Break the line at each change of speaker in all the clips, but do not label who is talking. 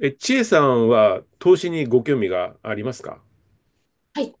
千恵さんは投資にご興味がありますか？
はい、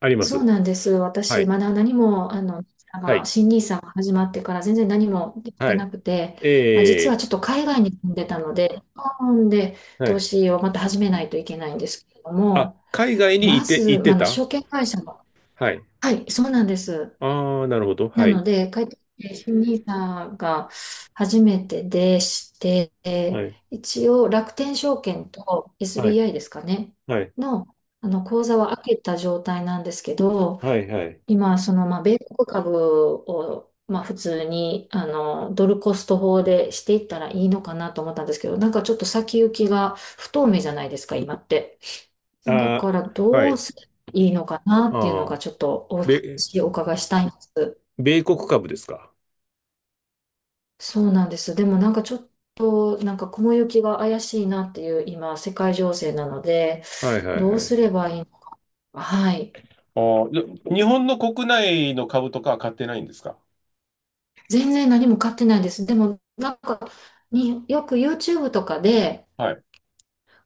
ありま
そう
す。
なんです。
は
私、
い。
まだ何も、
はい。
新 n i s が始まってから全然何もでき
は
てな
い。
くて、実は
え
ちょっと海外に住んでたので、日本で
は
投
い。
資をまた始めないといけないんですけれど
あ、
も、
海外に
ま
いて、
ず、
行ってた。
証券会社の、
はい。
はい、そうなんです。
ああ、なるほど。
な
は
の
い。
で、帰ってきて、新 n さんが初めてでして、
はい。
一応楽天証券と
はい。
SBI ですかね、
はい。
の、あの口座は開けた状態なんですけど、
はい。はい。
今、米国株を、普通に、ドルコスト法でしていったらいいのかなと思ったんですけど、なんかちょっと先行きが不透明じゃないですか、今って。だ
あ
から、
ー、は
どう
い。
すればいいのかなっていうの
あ
が、
あ、
ちょっとお
米、
話をお伺いしたいんです。
米国株ですか？
そうなんです。でも、なんかちょっと、なんか雲行きが怪しいなっていう、今、世界情勢なので、
はい。はい。
どう
はい。
すればいいのか。はい。
ああ、で日本の国内の株とかは買ってないんですか？
全然何も買ってないです。でも、なんか、によく YouTube とかで、
はい。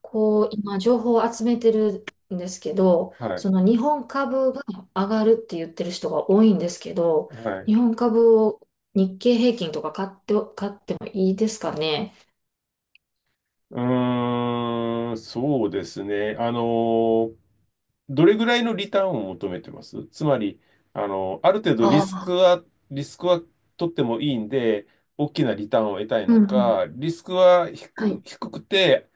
こう、今、情報を集めてるんですけど、
はい。
その日本株が上がるって言ってる人が多いんですけど、
はい。
日本株を日経平均とか買って、買ってもいいですかね？
うーん、そうですね。どれぐらいのリターンを求めてます？つまり、あの、ある程度リ
あ
スク
あ、
は、リスクは取ってもいいんで、大きなリターンを得たい
うんう
の
ん。
か、リスクは低、
はい。
低くて、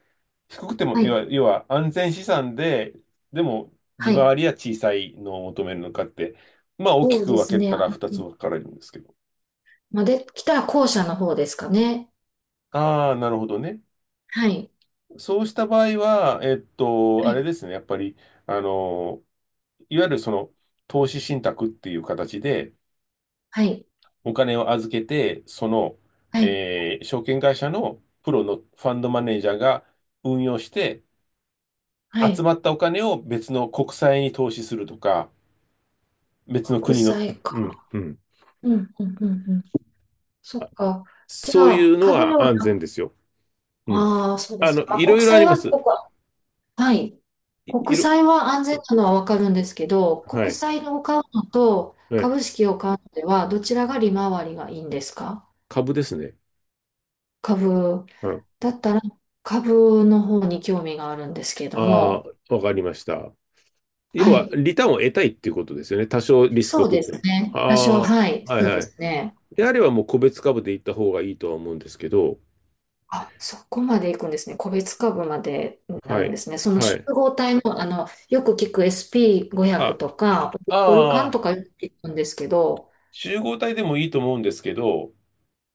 低くても、
はい。
要は安全資産で、でも
は
利
い。
回りは小さいのを求めるのかって、まあ大き
そう
く
で
分
す
け
ね。
たら2つ分
の
かれるんですけど。
まあ、できたら後者の方ですかね。
ああ、なるほどね。
はい。
そうした場合は、
は
あれ
い。
ですね、やっぱり、あの、いわゆるその、投資信託っていう形で、
はい。
お金を預けて、その、
はい。
証券会社のプロのファンドマネージャーが運用して、
は
集
い。
まったお金を別の国債に投資するとか、別の
国
国の、
債
うん、
か。
うん。
うん、うん、うん、うん。そっか。じ
そ
ゃ
うい
あ、
うの
株で
は安
は、
全ですよ。うん。
ああ、そうで
あ
す
の、
か。
い
国
ろいろあ
債
りま
はす
す。
ごくはい。
い、い
国
ろ、
債は安全なのはわかるんですけど、
は
国
い。
債を買うのと
ええ、
株式を買うのでは、どちらが利回りがいいんですか？
株ですね。
株。
うん。
だったら株の方に興味があるんですけれど
あ
も。
あ、わかりました。
は
要は、
い。
リターンを得たいっていうことですよね。多少リスク
そ
を
う
取
で
っ
す
ても。
ね。
あ
多少、はい。
あ、はい
そうで
はい。
すね。
であればもう個別株で行った方がいいとは思うんですけど、
あ、そこまで行くんですね。個別株までな
は
るんで
い。
すね。その
は
集
い。
合体の、あの、よく聞く SP500
あ、
とか、オルカン
ああ、
とかよく聞くんですけど、
集合体でもいいと思うんですけど、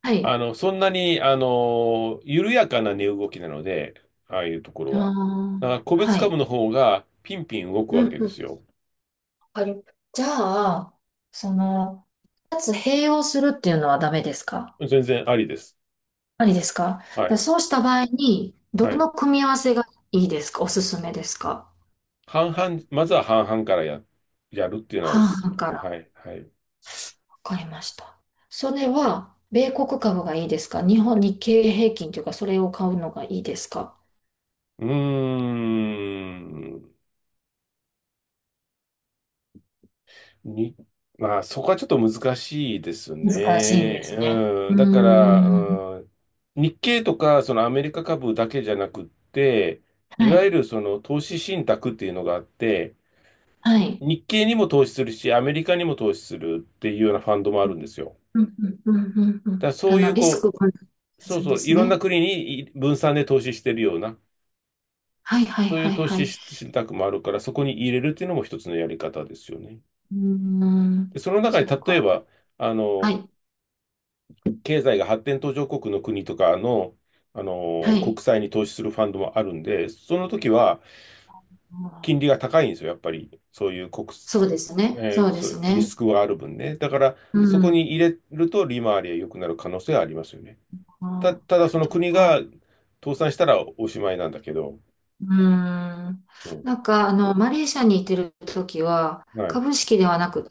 は
あ
い。
の、そんなに、あの、緩やかな値動きなので、ああいうところ
あ
は。
ー
だから個別
は
株
い。
の方がピンピン動く
う
わ
ん
けで
うん。
すよ。
あれ、じゃあ、その、二つ併用するっていうのはダメですか？
全然ありです。
ありですか？
は
で
い。
そうした場合に、ど
はい。
の組み合わせがいいですか？おすすめですか？
半々、まずは半々からやるっていうのはお
半
すすめ。
々か
は
ら。
い。はい。う
わかりました。それは、米国株がいいですか？日本、日経平均というか、それを買うのがいいですか？
ーん。に、まあ、そこはちょっと難しいです
難しいんで
ね。
すね。
う
う
ん。
ー
だから、
ん。
うん、日経とか、そのアメリカ株だけじゃなくって、
は
いわゆ
い。
るその投資信託っていうのがあって、
はい。
日経にも投資するし、アメリカにも投資するっていうようなファンドもあるんですよ。
うんうんうんうんう
だから
ん。あ
そうい
の、
う、
リスク
こ
を感る
う、そう
ん
そ
で
う、い
す
ろんな
ね。
国にい分散で投資してるような、
はいはい
そうい
は
う
い
投
は
資
い。
し信託もあるから、そこに入れるっていうのも一つのやり方ですよね。
うー
で、
ん、
その中に
そっ
例え
か。
ば、あ
は
の、
い、
経済が発展途上国の国とかの、あ
は
の、国
い。
債に投資するファンドもあるんで、その時は
あー
金利が高いんですよ、やっぱり。そういう国、
そうですね、そうで
そ
す
う、リ
ね。
スクがある分ね。だから、
う
そこ
ん、
に入れると利回りが良くなる可能性はありますよね。
あー、
ただその
そっ
国
か。
が倒産したらおしまいなんだけど。
うーん。
うん。
なんか、あの、マレーシアにいてる時は、
はい。
株式ではなくて、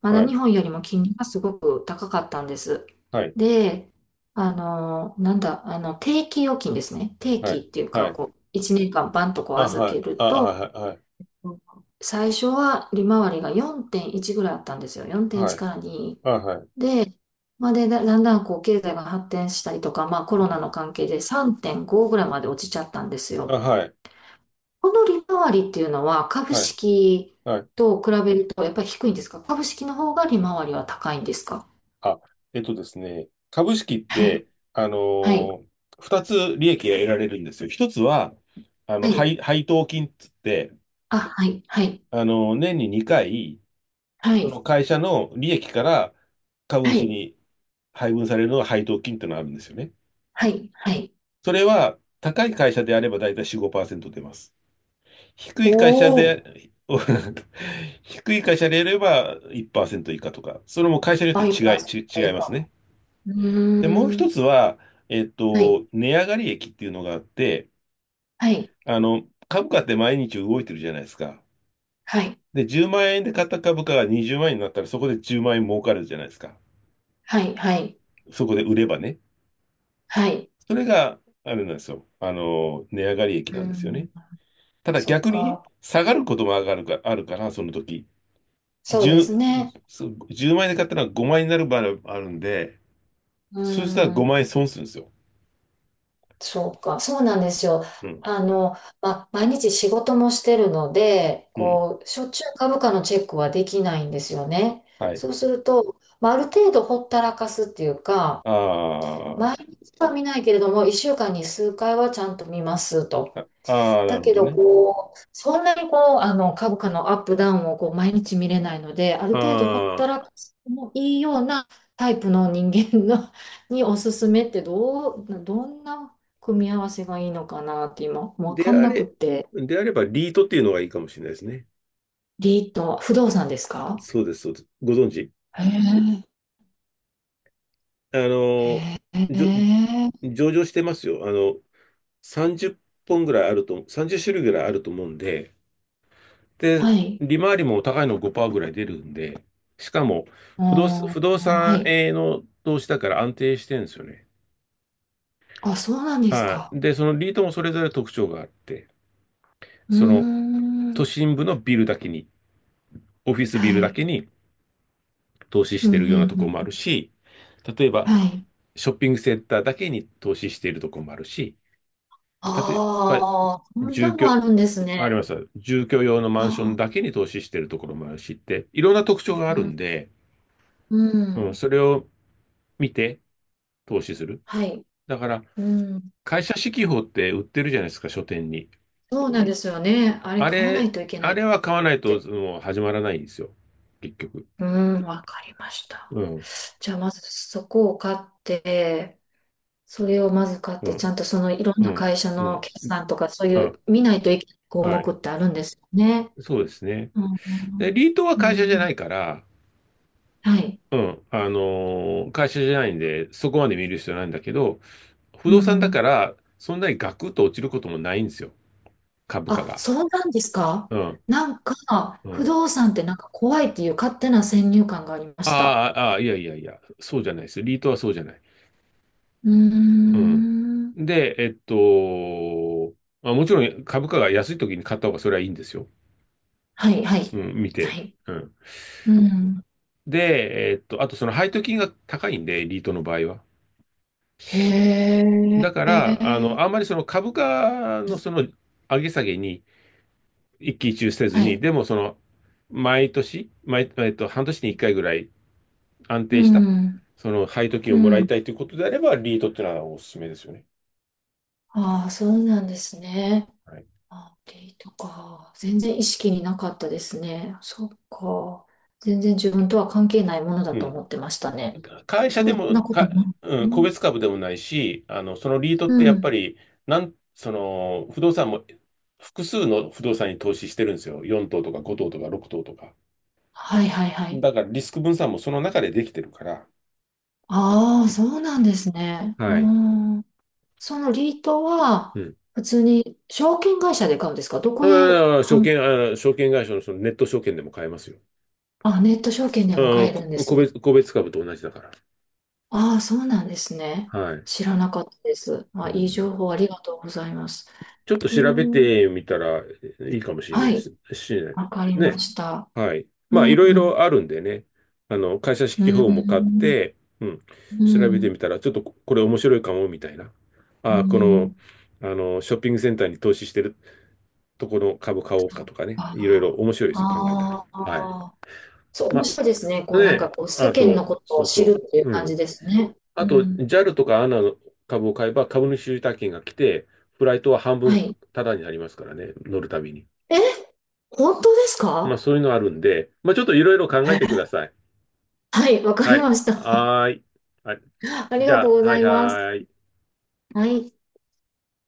まだ
は
日
い。
本よりも金利がすごく高かったんです。
はい。
で、あの、なんだ、あの、定期預金ですね。定
は
期
い。
っていう
は
か、
い。
こう、1年間バンとこう
あ、
預
はい。
ける
あ、あ
と、
はい。はい。
最初は利回りが4.1ぐらいあったんですよ。
は
4.1
い。
から2
あ、はい。
で、まあ、で、だんだんこう経済が発展したりとか、まあ、コ
う
ロナの
ん。
関係で3.5ぐらいまで落ちちゃったんです
あ、
よ。
はい。
この利回りっていうのは株
はい。
式
はい。
と比べるとやっぱり低いんですか？株式の方が利回りは高いんですか？
あ、えっとですね、株式っ
はい、
て、あの
はい、
ー、二つ利益が得られるんですよ。一つは、あの、
はい。
配当金っつって、
あ、はい、はい、
年に2回、
は
その
い、
会社の利益から株
は
主
い、
に配分されるのが配当金っていうのがあるんですよね。
はい、はい。
それは、高い会社であればだいたい4、5%出ます。低
お
い会社
お、
で、低い会社であれば1%以下とか、それも会社によって
倍パーセント
違
以
います
下。
ね。
う
で、もう
ーん、
一つは、
はい、
値上がり益っていうのがあって、
はい、
株価って毎日動いてるじゃないですか。
はい、
で、10万円で買った株価が20万円になったら、そこで10万円儲かるじゃないですか。
はい、はい、
そこで売ればね。
はい。
それが、あれなんですよ。値上がり益
う
な
ー
んですよね。
ん、
ただ
そっ
逆に、
か。
下がることも上がるか、あるから、その時。
そうで
10、
すね。
そう1万円で買ったら5万円になる場合があるんで、
うー
そしたら
ん、
5万円損するんですよ。
そうか、そうなんですよ。
うん。
あの、毎日仕事もしてるので、
うん。
こう、しょっちゅう株価のチェックはできないんですよね。
はい。
そうすると、まあ、ある程度ほったらかすっていうか、
あ
毎
ー
日は見ないけれども、1週間に数回はちゃんと見ますと。
あ、ああ、な
だ
るほ
け
ど
ど、
ね。
こう、そんなにこう、あの、株価のアップダウンをこう毎日見れないので、ある程度ほった
ああ、
らかしてもいいようなタイプの人間の におすすめってどんな組み合わせがいいのかなって今、わ
で
かん
あ
なくっ
れ、
て。
であればリートっていうのがいいかもしれないですね。
リート、不動産ですか？
そうです、そうです。ご存知？
へ
あの、
え、へ
じょ、
え、
上場してますよ。あの、30本ぐらいあると、30種類ぐらいあると思うんで、で、
はい。
利回りも高いの5%ぐらい出るんで、しかも、
あ
不動
ー、は
産
い。
への投資だから安定してるんですよね。
あ、そうなんです
は
か。
い。で、そのリートもそれぞれ特徴があって、
う
その
ー
都
ん、
心部のビルだけに、オフィス
は
ビルだ
い。
けに投資し
うん、う
て
ん、
るようなと
う
ころ
ん。
もあるし、例えば、
はい。
ショッピングセンターだけに投資しているところもあるし、例えば、
ああ、そん
住
なも
居、
あるんです
ありま
ね。
す。住居用の
あ
マンション
あ、
だけに投資しているところもあるしって、いろんな特徴
う
があるん
ん、
で、
う
う
ん、
ん、それを見て投資する。
はい、
だから、
うん、
会社四季報って売ってるじゃないですか、書店に。
そうなんですよね。あれ
あ
買わな
れ、
いといけな
あ
い
れ
な
は買わ
と思
な
っ
いと
て。
もう始まらないんですよ。結局。
うん、わかりまし
う
た。
ん、
じゃあまずそこを買って、それをまず買っ
う
て、ちゃ
ん、
んとそのいろん
う
な
ん、
会社
う
の
ん、
決算とかそうい
う
う
ん、
見ないといけない項
は
目
い。
ってあるんですよね。
そうですね。
うん、
で、リートは
うん、
会
う
社じゃな
ん
いから、
はい、
うん、会社じゃないんで、そこまで見る必要ないんだけど、不
う
動産だか
ん。
ら、そんなにガクッと落ちることもないんですよ、株価
あ、
が。
そうなんですか？
うん、
なんか、
う
不
ん。
動産ってなんか怖いっていう勝手な先入観がありま
あ
した。
あ、ああ、いやいやいや、そうじゃないです。リートはそうじゃない。
うー
うん。
ん。
で、まあ、もちろん株価が安い時に買った方がそれはいいんですよ。
はい、は
う
い。
ん、見
は
て。
い。
うん。
うん。
で、あとその配当金が高いんで、リートの場合は。し、
へ
だから、
え。
あの、あんまりその株価のその上げ下げに、一喜一憂せず
は
に、
い。
でもその、毎年、毎、えっと、半年に一回ぐらい安
う
定した、
ん。
その配当金をも
う
らい
ん。
たいということであれば、リートっていうのはおすすめですよね。
ああ、そうなんですね。
はい。
あ、デイとか。全然意識になかったですね。そっか。全然自分とは関係ないものだ
う
と
ん。
思ってましたね。
会社で
そん
も、
なことない。
うん、個
うん。
別株でもないし、あの、そのリート
う
ってやっぱ
ん。
り、その、不動産も、複数の不動産に投資してるんですよ。4棟とか5棟とか6棟とか。
はい、はい、はい。
だからリスク分散もその中でできてるから。
ああ、そうなんですね。うー
はい。
ん。そのリート
う
は、
ん。
普通に証券会社で買うんですか？どこで
ああ、
販、
証券会社のそのネット証券でも買えますよ。
あ、ネット証券でも
う
買
ん、
える
こ
んで
個
すね。
別、個別株と同じだから。
ああ、そうなんですね。
はい。
知らなかったです。ま
う
あ、いい
ん。
情報ありがとうございます。
ちょっと
う
調べ
ーん。
てみたらいいかもしれない
は
で
い、
す。しれない
わかりま
ね。
した。
はい。
う
まあ、い
ん、
ろい
うん、
ろあるんでね。あの、会社
う
式法も買っ
ん、
て、うん。
う
調べて
ん。
みたら、ちょっとここれ面白いかも、みたいな。
う
ああ、この、
ん
あの、ショッピングセンターに投資してるとこの株買おうかとかね。いろいろ
あ
面白いですよ、考えたら。
あ、
はい。
ああ、そう、
ま
面白い
あ、
ですね。こ
ね
う、なんか
え。
こう、世
あ
間の
と、
こと
そ
を
う
知
そ
るっていう
う。う
感じ
ん。
ですね。
あ
う
と、
ん
JAL とかアナの株を買えば株主優待券が来て、フライトは半
は
分
い。
タダになりますからね、乗るたびに。
え、本当です
まあ
か？
そういうのあるんで、まあちょっといろいろ考えてください。
はい、わかり
はい。
ました。
はーい。あ、
あり
じ
がとう
ゃ
ご
あ、は
ざ
い
います。
はーい。
はい。